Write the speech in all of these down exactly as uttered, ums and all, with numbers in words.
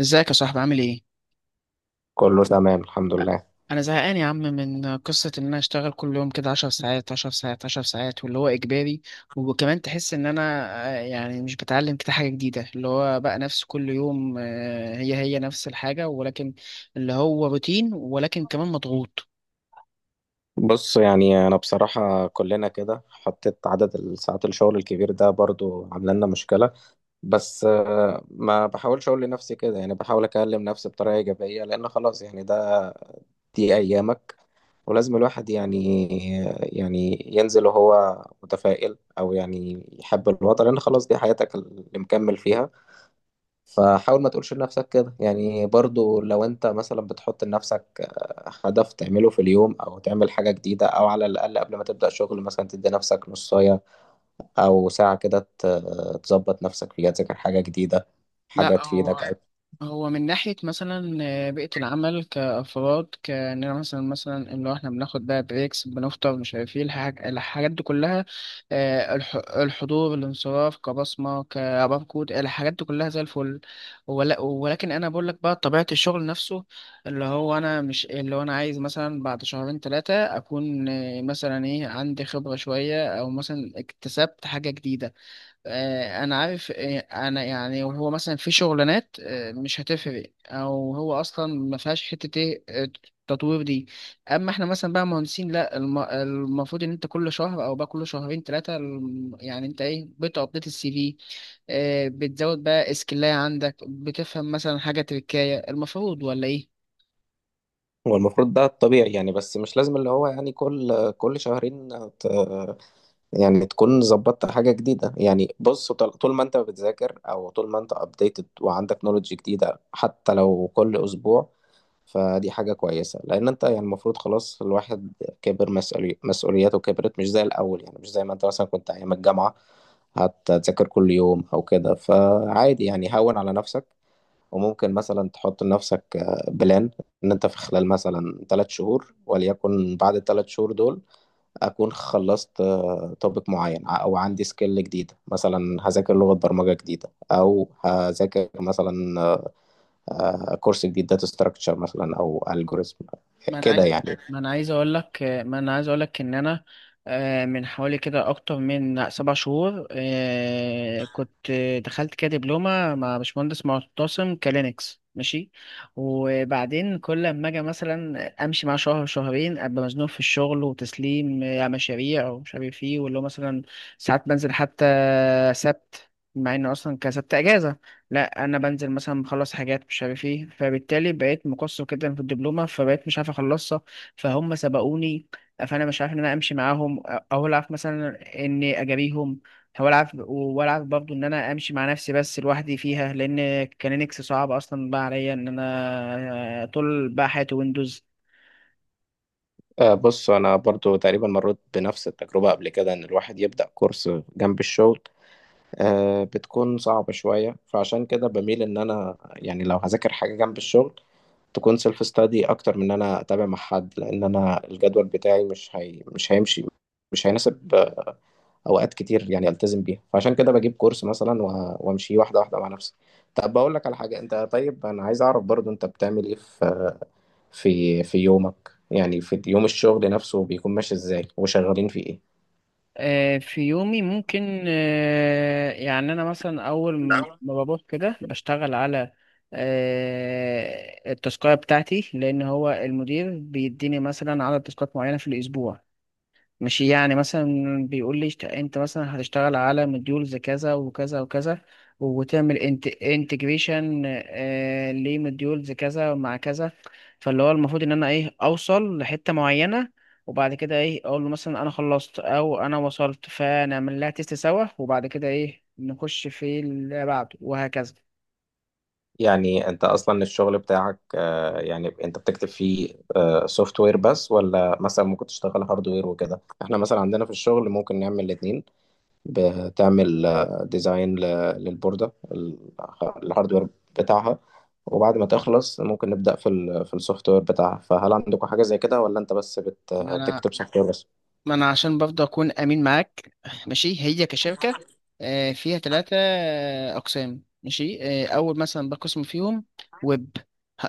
ازيك يا صاحبي؟ عامل ايه؟ كله تمام الحمد لله. انا زهقان يا عم من قصة ان انا اشتغل كل يوم كده عشر ساعات عشر ساعات عشر ساعات، واللي هو اجباري، وكمان تحس ان انا آه، يعني مش بتعلم كده حاجة جديدة، اللي هو بقى نفس كل يوم، آه، هي هي نفس الحاجة، ولكن اللي هو روتين، ولكن كمان مضغوط. بص يعني انا بصراحة كلنا كده، حطيت عدد الساعات الشغل الكبير ده برضو عامله لنا مشكلة. بس آه، ما بحاولش اقول لنفسي كده، يعني بحاول اكلم نفسي بطريقة ايجابية، لان خلاص يعني ده دي ايامك، ولازم الواحد يعني يعني ينزل وهو متفائل، او يعني يحب الوضع، لان خلاص دي حياتك اللي مكمل فيها. فحاول ما تقولش لنفسك كده، يعني برضو لو انت مثلا بتحط لنفسك آه، هدف تعمله في اليوم، او تعمل حاجة جديدة، او على الاقل قبل ما تبدأ شغل مثلا تدي نفسك نصاية او ساعة كده ت- تظبط نفسك فيها، تذاكر حاجة جديدة، حاجة لا، تفيدك. هو هو من ناحية مثلا آه، بيئة العمل كأفراد، كأننا مثلا مثلا اللي هو احنا بناخد بقى بريكس، بنفطر مش عارف ايه الحاج- الحاجات دي كلها. آه، الح- الحضور الانصراف كبصمة كباركود، الحاجات دي كلها زي الفل. ول- ولكن أنا بقول لك بقى طبيعة الشغل نفسه، اللي هو أنا مش اللي هو أنا عايز مثلا بعد شهرين ثلاثة أكون آه، مثلا إيه، عندي خبرة شوية، أو مثلا اكتسبت حاجة جديدة. آه، انا عارف، آه، انا يعني، وهو مثلا في شغلانات آه، مش هتفرق، او هو اصلا ما فيهاش حته ايه آه، تطوير دي. اما احنا مثلا بقى مهندسين، لا الم- المفروض ان انت كل شهر او بقى كل شهرين ثلاثه، يعني انت ايه، بتابديت السي في، آه، بتزود بقى اسكلايه عندك، بتفهم مثلا حاجه تركايه، المفروض ولا ايه؟ هو المفروض ده الطبيعي يعني، بس مش لازم اللي هو يعني كل كل شهرين ت... يعني تكون ظبطت حاجة جديدة. يعني بص، طل- طول ما انت بتذاكر او طول ما انت updated، وعندك نولج جديدة حتى لو كل اسبوع، فدي حاجة كويسة. لأن أنت يعني المفروض خلاص الواحد كبر مسؤولي... مسؤولياته كبرت، مش زي الأول. يعني مش زي ما أنت مثلا كنت أيام الجامعة هتذاكر كل يوم أو كده، فعادي يعني هون على نفسك. وممكن مثلا تحط لنفسك آه، بلان إن أنت في خلال مثلا ثلاث شهور، وليكن بعد الثلاث شهور دول أكون خلصت توبيك معين، ع- أو عندي سكيل جديدة، مثلا هذاكر لغة برمجة جديدة، أو هذاكر مثلا آه، كورس جديد داتا ستراكشر مثلا او الجوريزم ما انا كده عايز يعني. ما انا عايز اقول لك ما انا عايز اقول لك ان انا آه، من حوالي كده اكتر من سبع شهور آه، كنت دخلت كده دبلومه مع باشمهندس معتصم، كلينكس، ماشي. وبعدين كل لما اجي مثلا امشي معاه شهر شهرين، ابقى مزنوق في الشغل، وتسليم آه، مشاريع ومش عارف ايه، واللي هو مثلا ساعات بنزل حتى سبت مع انه اصلا كسبت اجازه. لا، انا بنزل مثلا مخلص حاجات مش عارف ايه، فبالتالي بقيت مقصر جدا في الدبلومه، فبقيت مش عارف اخلصها، فهم سبقوني. فانا مش عارف ان انا امشي معاهم او العب مثلا اني اجاريهم، او العب والعب برضه ان انا امشي مع نفسي بس لوحدي فيها، لان كان لينكس صعب اصلا بقى عليا ان انا آه، طول بقى حياتي ويندوز. آه، بص انا برضو تقريبا مريت بنفس التجربه قبل كده، ان الواحد يبدا كورس جنب الشغل آه، بتكون صعبه شويه. فعشان كده بميل ان انا يعني لو هذاكر حاجه جنب الشغل تكون سيلف ستادي، اكتر من ان انا اتابع مع حد، لان انا الجدول بتاعي مش هي... مش هيمشي، مش هيناسب آه، اوقات كتير يعني التزم بيها. فعشان كده بجيب كورس مثلا و- وامشي واحده واحده مع نفسي. طب بقول لك على حاجه، انت طيب انا عايز اعرف برضو انت بتعمل ايه في في في يومك؟ يعني في يوم الشغل نفسه بيكون ماشي ازاي، وشغالين في ايه؟ آه، في يومي ممكن آه، يعني أنا مثلا أول ما بروح كده بشتغل على آه، التاسكاية بتاعتي، لأن هو المدير بيديني مثلا عدد تاسكات معينة في الأسبوع، مش يعني مثلا بيقول لي اشت- انت مثلا هتشتغل على مديولز كذا وكذا وكذا، وتعمل انت انتجريشن لمديولز كذا مع كذا. فاللي هو المفروض ان انا ايه، اوصل لحتة معينة، وبعد كده ايه، اقول له مثلا انا خلصت او انا وصلت، فنعمل لها تيست سوا، وبعد كده ايه، نخش في اللي بعده، وهكذا. يعني انت اصلا الشغل بتاعك آه، يعني انت بتكتب فيه سوفت وير بس، ولا مثلا ممكن تشتغل هارد وير وكده؟ احنا مثلا عندنا في الشغل ممكن نعمل الاثنين، بتعمل ديزاين للبوردة، الهارد وير بتاعها، وبعد ما تخلص ممكن نبدأ في ال في السوفت وير بتاعها. فهل عندكم حاجة زي كده، ولا انت بس بت- ما انا بتكتب سوفت وير؟ ما انا عشان برضه اكون امين معاك، ماشي. هي كشركه آه، فيها ثلاثه اقسام، ماشي. آه، اول مثلا بقسم فيهم ويب،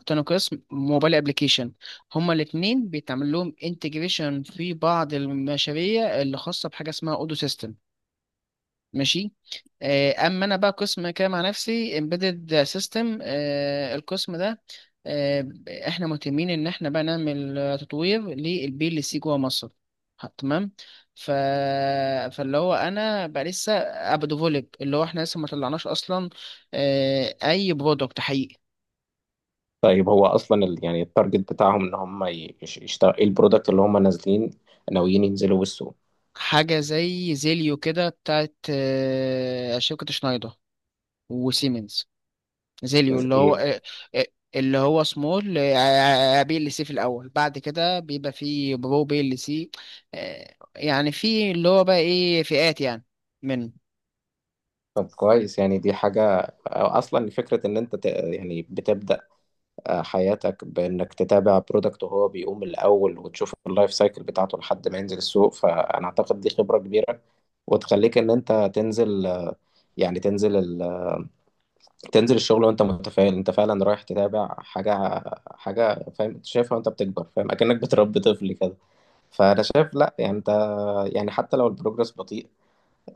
تاني قسم موبايل ابلكيشن، هما الاثنين بيتعمل لهم انتجريشن في بعض المشاريع اللي خاصه بحاجه اسمها اودو سيستم، ماشي. آه، اما انا بقى قسم كده مع نفسي، امبيدد سيستم. القسم ده آه، احنا مهتمين ان احنا بقى نعمل آه، تطوير للبي ال سي جوه مصر. ه- تمام. ف... فاللي هو انا بقى لسه ابقى ديفولب، اللي هو احنا لسه ما طلعناش اصلا آه، اي برودكت حقيقي. طيب هو اصلا ال- يعني التارجت بتاعهم ان هم يشتغل ايه البرودكت اللي هم نازلين ناويين ينزلوا بالسوق؟ حاجه زي زيليو كده بتاعت آه، شركه شنايدر وسيمنز. زيليو إز- اللي هو ايه؟ آه، آه، اللي هو سمول آه، آه، آه، بي ال سي في الاول، بعد كده بيبقى فيه برو بي ال سي. آه، يعني في اللي هو بقى ايه، فئات يعني منه. طب كويس، يعني دي حاجة أو اصلا فكرة ان انت ت- يعني بتبدأ آه، حياتك بانك تتابع برودكت وهو بيقوم الاول، وتشوف اللايف سايكل بتاعته لحد ما ينزل السوق. فانا اعتقد دي خبرة كبيرة، وتخليك ان انت تنزل آه، يعني تنزل ال... تنزل الشغل وانت متفائل، انت فعلا رايح تتابع حاجة، حاجة فاهم أنت شايفها وانت بتكبر فاهم، اكنك بتربي طفل كده. فانا شايف لا، يعني انت يعني حتى لو البروجرس بطيء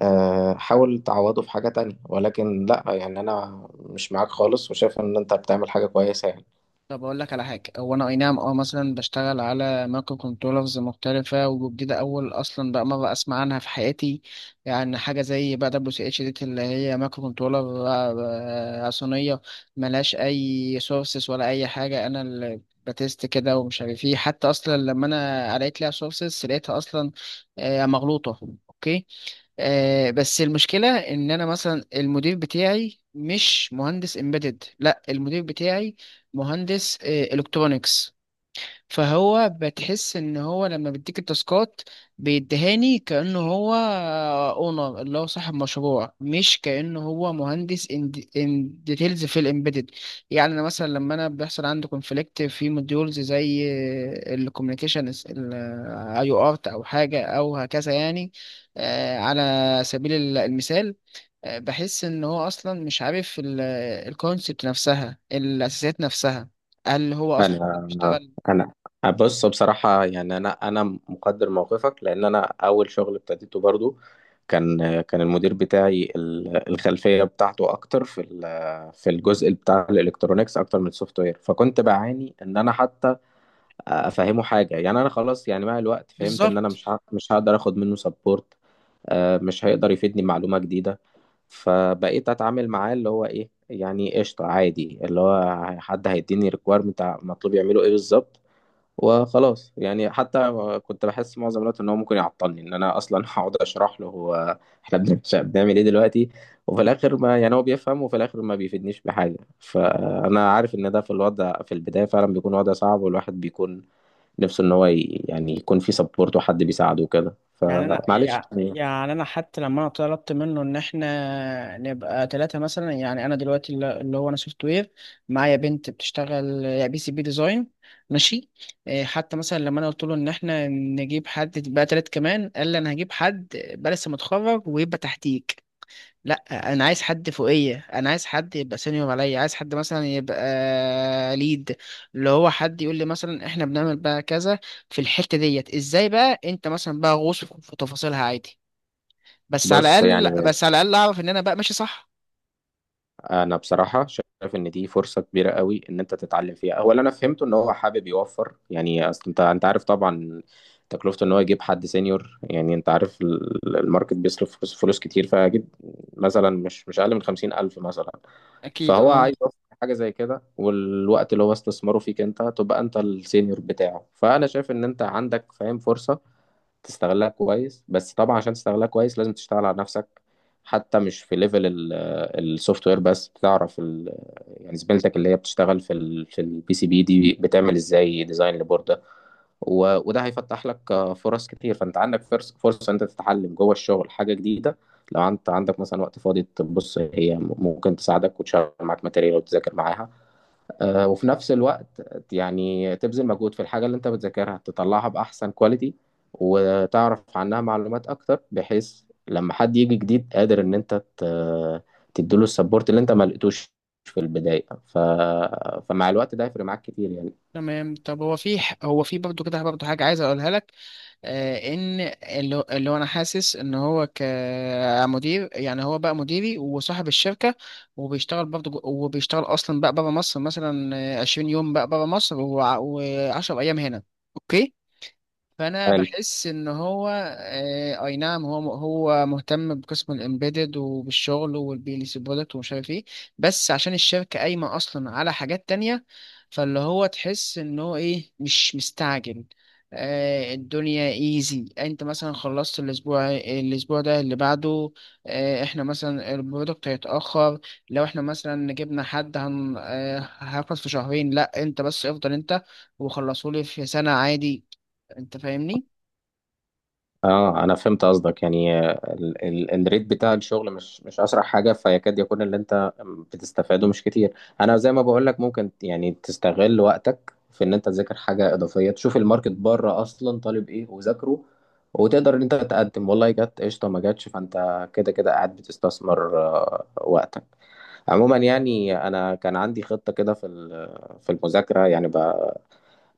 آه، حاول تعوضه في حاجة تانية، ولكن لا يعني انا مش معاك خالص، وشايف ان انت بتعمل حاجة كويسة يعني. طب اقول لك على حاجه. هو انا اي نعم اه، مثلا بشتغل على مايكرو كنترولرز مختلفه وجديده، اول اصلا بقى مره اسمع عنها في حياتي، يعني حاجه زي بقى دبليو سي اتش دي، اللي هي مايكرو كنترولر آه، آه، صينيه، ملهاش اي سورسز ولا اي حاجه، انا اللي بتست كده ومش عارف ايه، حتى اصلا لما انا قريت لها سورسز لقيتها اصلا آه، مغلوطه. اوكي. آه، بس المشكلة إن أنا مثلا المدير بتاعي مش مهندس امبيدد، لا المدير بتاعي مهندس آه إلكترونيكس. فهو بتحس ان هو لما بيديك التاسكات بيديهاني كأنه هو اونر، اللي هو صاحب مشروع، مش كأنه هو مهندس ان ديتيلز في الامبيدد. يعني انا مثلا لما انا بيحصل عندي كونفليكت في موديولز زي الكوميونيكيشن، اي او ارت او حاجه او هكذا، يعني آه، على سبيل ال- المثال، آه، بحس ان هو اصلا مش عارف الكونسبت نفسها، الاساسيات نفسها. هل هو اصلا انا بيشتغل؟ انا بص، بصراحه يعني انا انا مقدر موقفك. لان انا اول شغل ابتديته برضو كان كان المدير بتاعي ال- الخلفيه بتاعته اكتر في ال- في الجزء بتاع الالكترونيكس اكتر من السوفت وير. فكنت بعاني ان انا حتى افهمه حاجه، يعني انا خلاص يعني مع الوقت فهمت ان انا بالظبط. مش ه... مش هقدر اخد منه سبورت، مش هيقدر يفيدني معلومه جديده. فبقيت اتعامل معاه اللي هو ايه يعني قشطه عادي، اللي هو حد هيديني ريكويرمنت مطلوب يعمله ايه بالظبط وخلاص. يعني حتى كنت بحس معظم الوقت ان هو ممكن يعطلني، ان انا اصلا هقعد اشرح له هو احنا بن- بنعمل ايه دلوقتي، وفي الاخر ما يعني هو بيفهم، وفي الاخر ما بيفيدنيش بحاجه. فانا عارف ان ده في الوضع في البدايه فعلا بيكون وضع صعب، والواحد بيكون نفسه ان هو ي- يعني يكون في سبورت وحد بيساعده وكده، يعني انا فمعلش يع- يعني. يعني انا حتى لما انا طلبت منه ان احنا نبقى ثلاثه مثلا، يعني انا دلوقتي اللي اللي هو انا سوفت وير، معايا بنت بتشتغل بي سي بي ديزاين، ماشي. إيه، حتى مثلا لما انا قلت له ان احنا نجيب حد بقى ثلاث كمان، قال لي انا هجيب حد بقى لسه متخرج ويبقى تحتيك. لا، انا عايز حد فوقيه، انا عايز حد يبقى سينيور عليا، عايز حد مثلا يبقى ليد، اللي هو حد يقول لي مثلا احنا بنعمل بقى كذا في الحتة ديت ازاي، بقى انت مثلا بقى غوص في تفاصيلها عادي، بس على بص يعني الاقل، بس على الاقل اعرف ان انا بقى ماشي صح. انا بصراحه شايف ان دي فرصه كبيره قوي ان انت تتعلم فيها. اولا انا فهمته ان هو حابب يوفر، يعني اصل انت انت عارف طبعا تكلفته ان هو يجيب حد سينيور. يعني انت عارف ال- الماركت بيصرف فلوس، فلوس كتير، فاكيد مثلا مش مش اقل من خمسين الف مثلا. اكيد فهو اه. عايز يوفر حاجه زي كده، والوقت اللي هو استثماره فيك انت تبقى انت السينيور بتاعه. فانا شايف ان انت عندك، فاهم، فرصه تستغلها كويس. بس طبعا عشان تستغلها كويس لازم تشتغل على نفسك، حتى مش في ليفل السوفت وير بس، تعرف ال... يعني زميلتك اللي هي بتشتغل في ال... في البي سي بي دي بتعمل ازاي ديزاين لبورده. و... وده هيفتح لك آه، فرص كتير. فانت عندك فرص فرصه انت تتعلم جوه الشغل حاجه جديده، لو انت عندك مثلا وقت فاضي تبص هي ممكن تساعدك وتشغل معاك ماتيريال وتذاكر معاها. آه، وفي نفس الوقت يعني تبذل مجهود في الحاجة اللي انت بتذاكرها، تطلعها بأحسن كواليتي، وتعرف عنها معلومات أكتر، بحيث لما حد يجي جديد قادر إن انت ت- تديله السبورت اللي انت ما لقيتوش في البداية. ف... فمع الوقت ده هيفرق معاك كتير يعني. تمام. طب هو في ح- هو في برضه كده برضه حاجة عايز اقولها لك، آه، ان اللي اللي هو انا حاسس ان هو كمدير، يعني هو بقى مديري وصاحب الشركه، وبيشتغل برضه جو- وبيشتغل اصلا بقى بره مصر مثلا آه، 20 يوم بقى بره مصر، و10 ايام هنا. اوكي. فانا بحس ان هو آه، اي نعم، هو هو مهتم بقسم الامبيدد وبالشغل والبيليس برودكت ومش عارف ايه، بس عشان الشركه قايمه اصلا على حاجات تانية، فاللي هو تحس ان هو ايه، مش مستعجل. آه، الدنيا ايزي، انت مثلا خلصت الاسبوع، الاسبوع ده اللي بعده. آه، احنا مثلا البرودكت هيتاخر لو احنا مثلا جبنا حد هن آه، هياخد في شهرين، لا انت بس افضل انت، وخلصوا لي في سنه عادي، انت فاهمني. اه انا فهمت قصدك، يعني ال- ال- الريت بتاع الشغل مش مش اسرع حاجه، فيكاد يكون اللي انت بتستفاده مش كتير. انا زي ما بقول لك ممكن يعني تستغل وقتك في ان انت تذاكر حاجه اضافيه، تشوف الماركت بره اصلا طالب ايه وذاكره، وتقدر ان انت تقدم، والله جت قشطه ما جاتش، فانت كده كده قاعد بتستثمر آه، وقتك. عموما يعني انا كان عندي خطه كده في ال- في المذاكره، يعني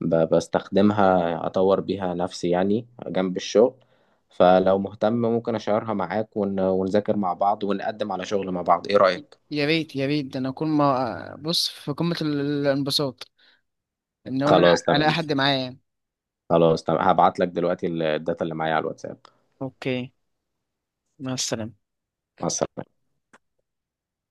ب- بستخدمها أطور بيها نفسي يعني جنب الشغل. فلو مهتم ممكن أشيرها معاك ون... ونذاكر مع بعض، ونقدم على شغل مع بعض، إيه رأيك؟ يا ريت، يا ريت، ده انا اكون ما بص في قمة ال- الانبساط، ان انا خلاص تمام. الاقي حد معايا. خلاص تمام، هبعت لك دلوقتي الداتا اللي معايا على الواتساب. اوكي. مع السلامة. مع السلامة.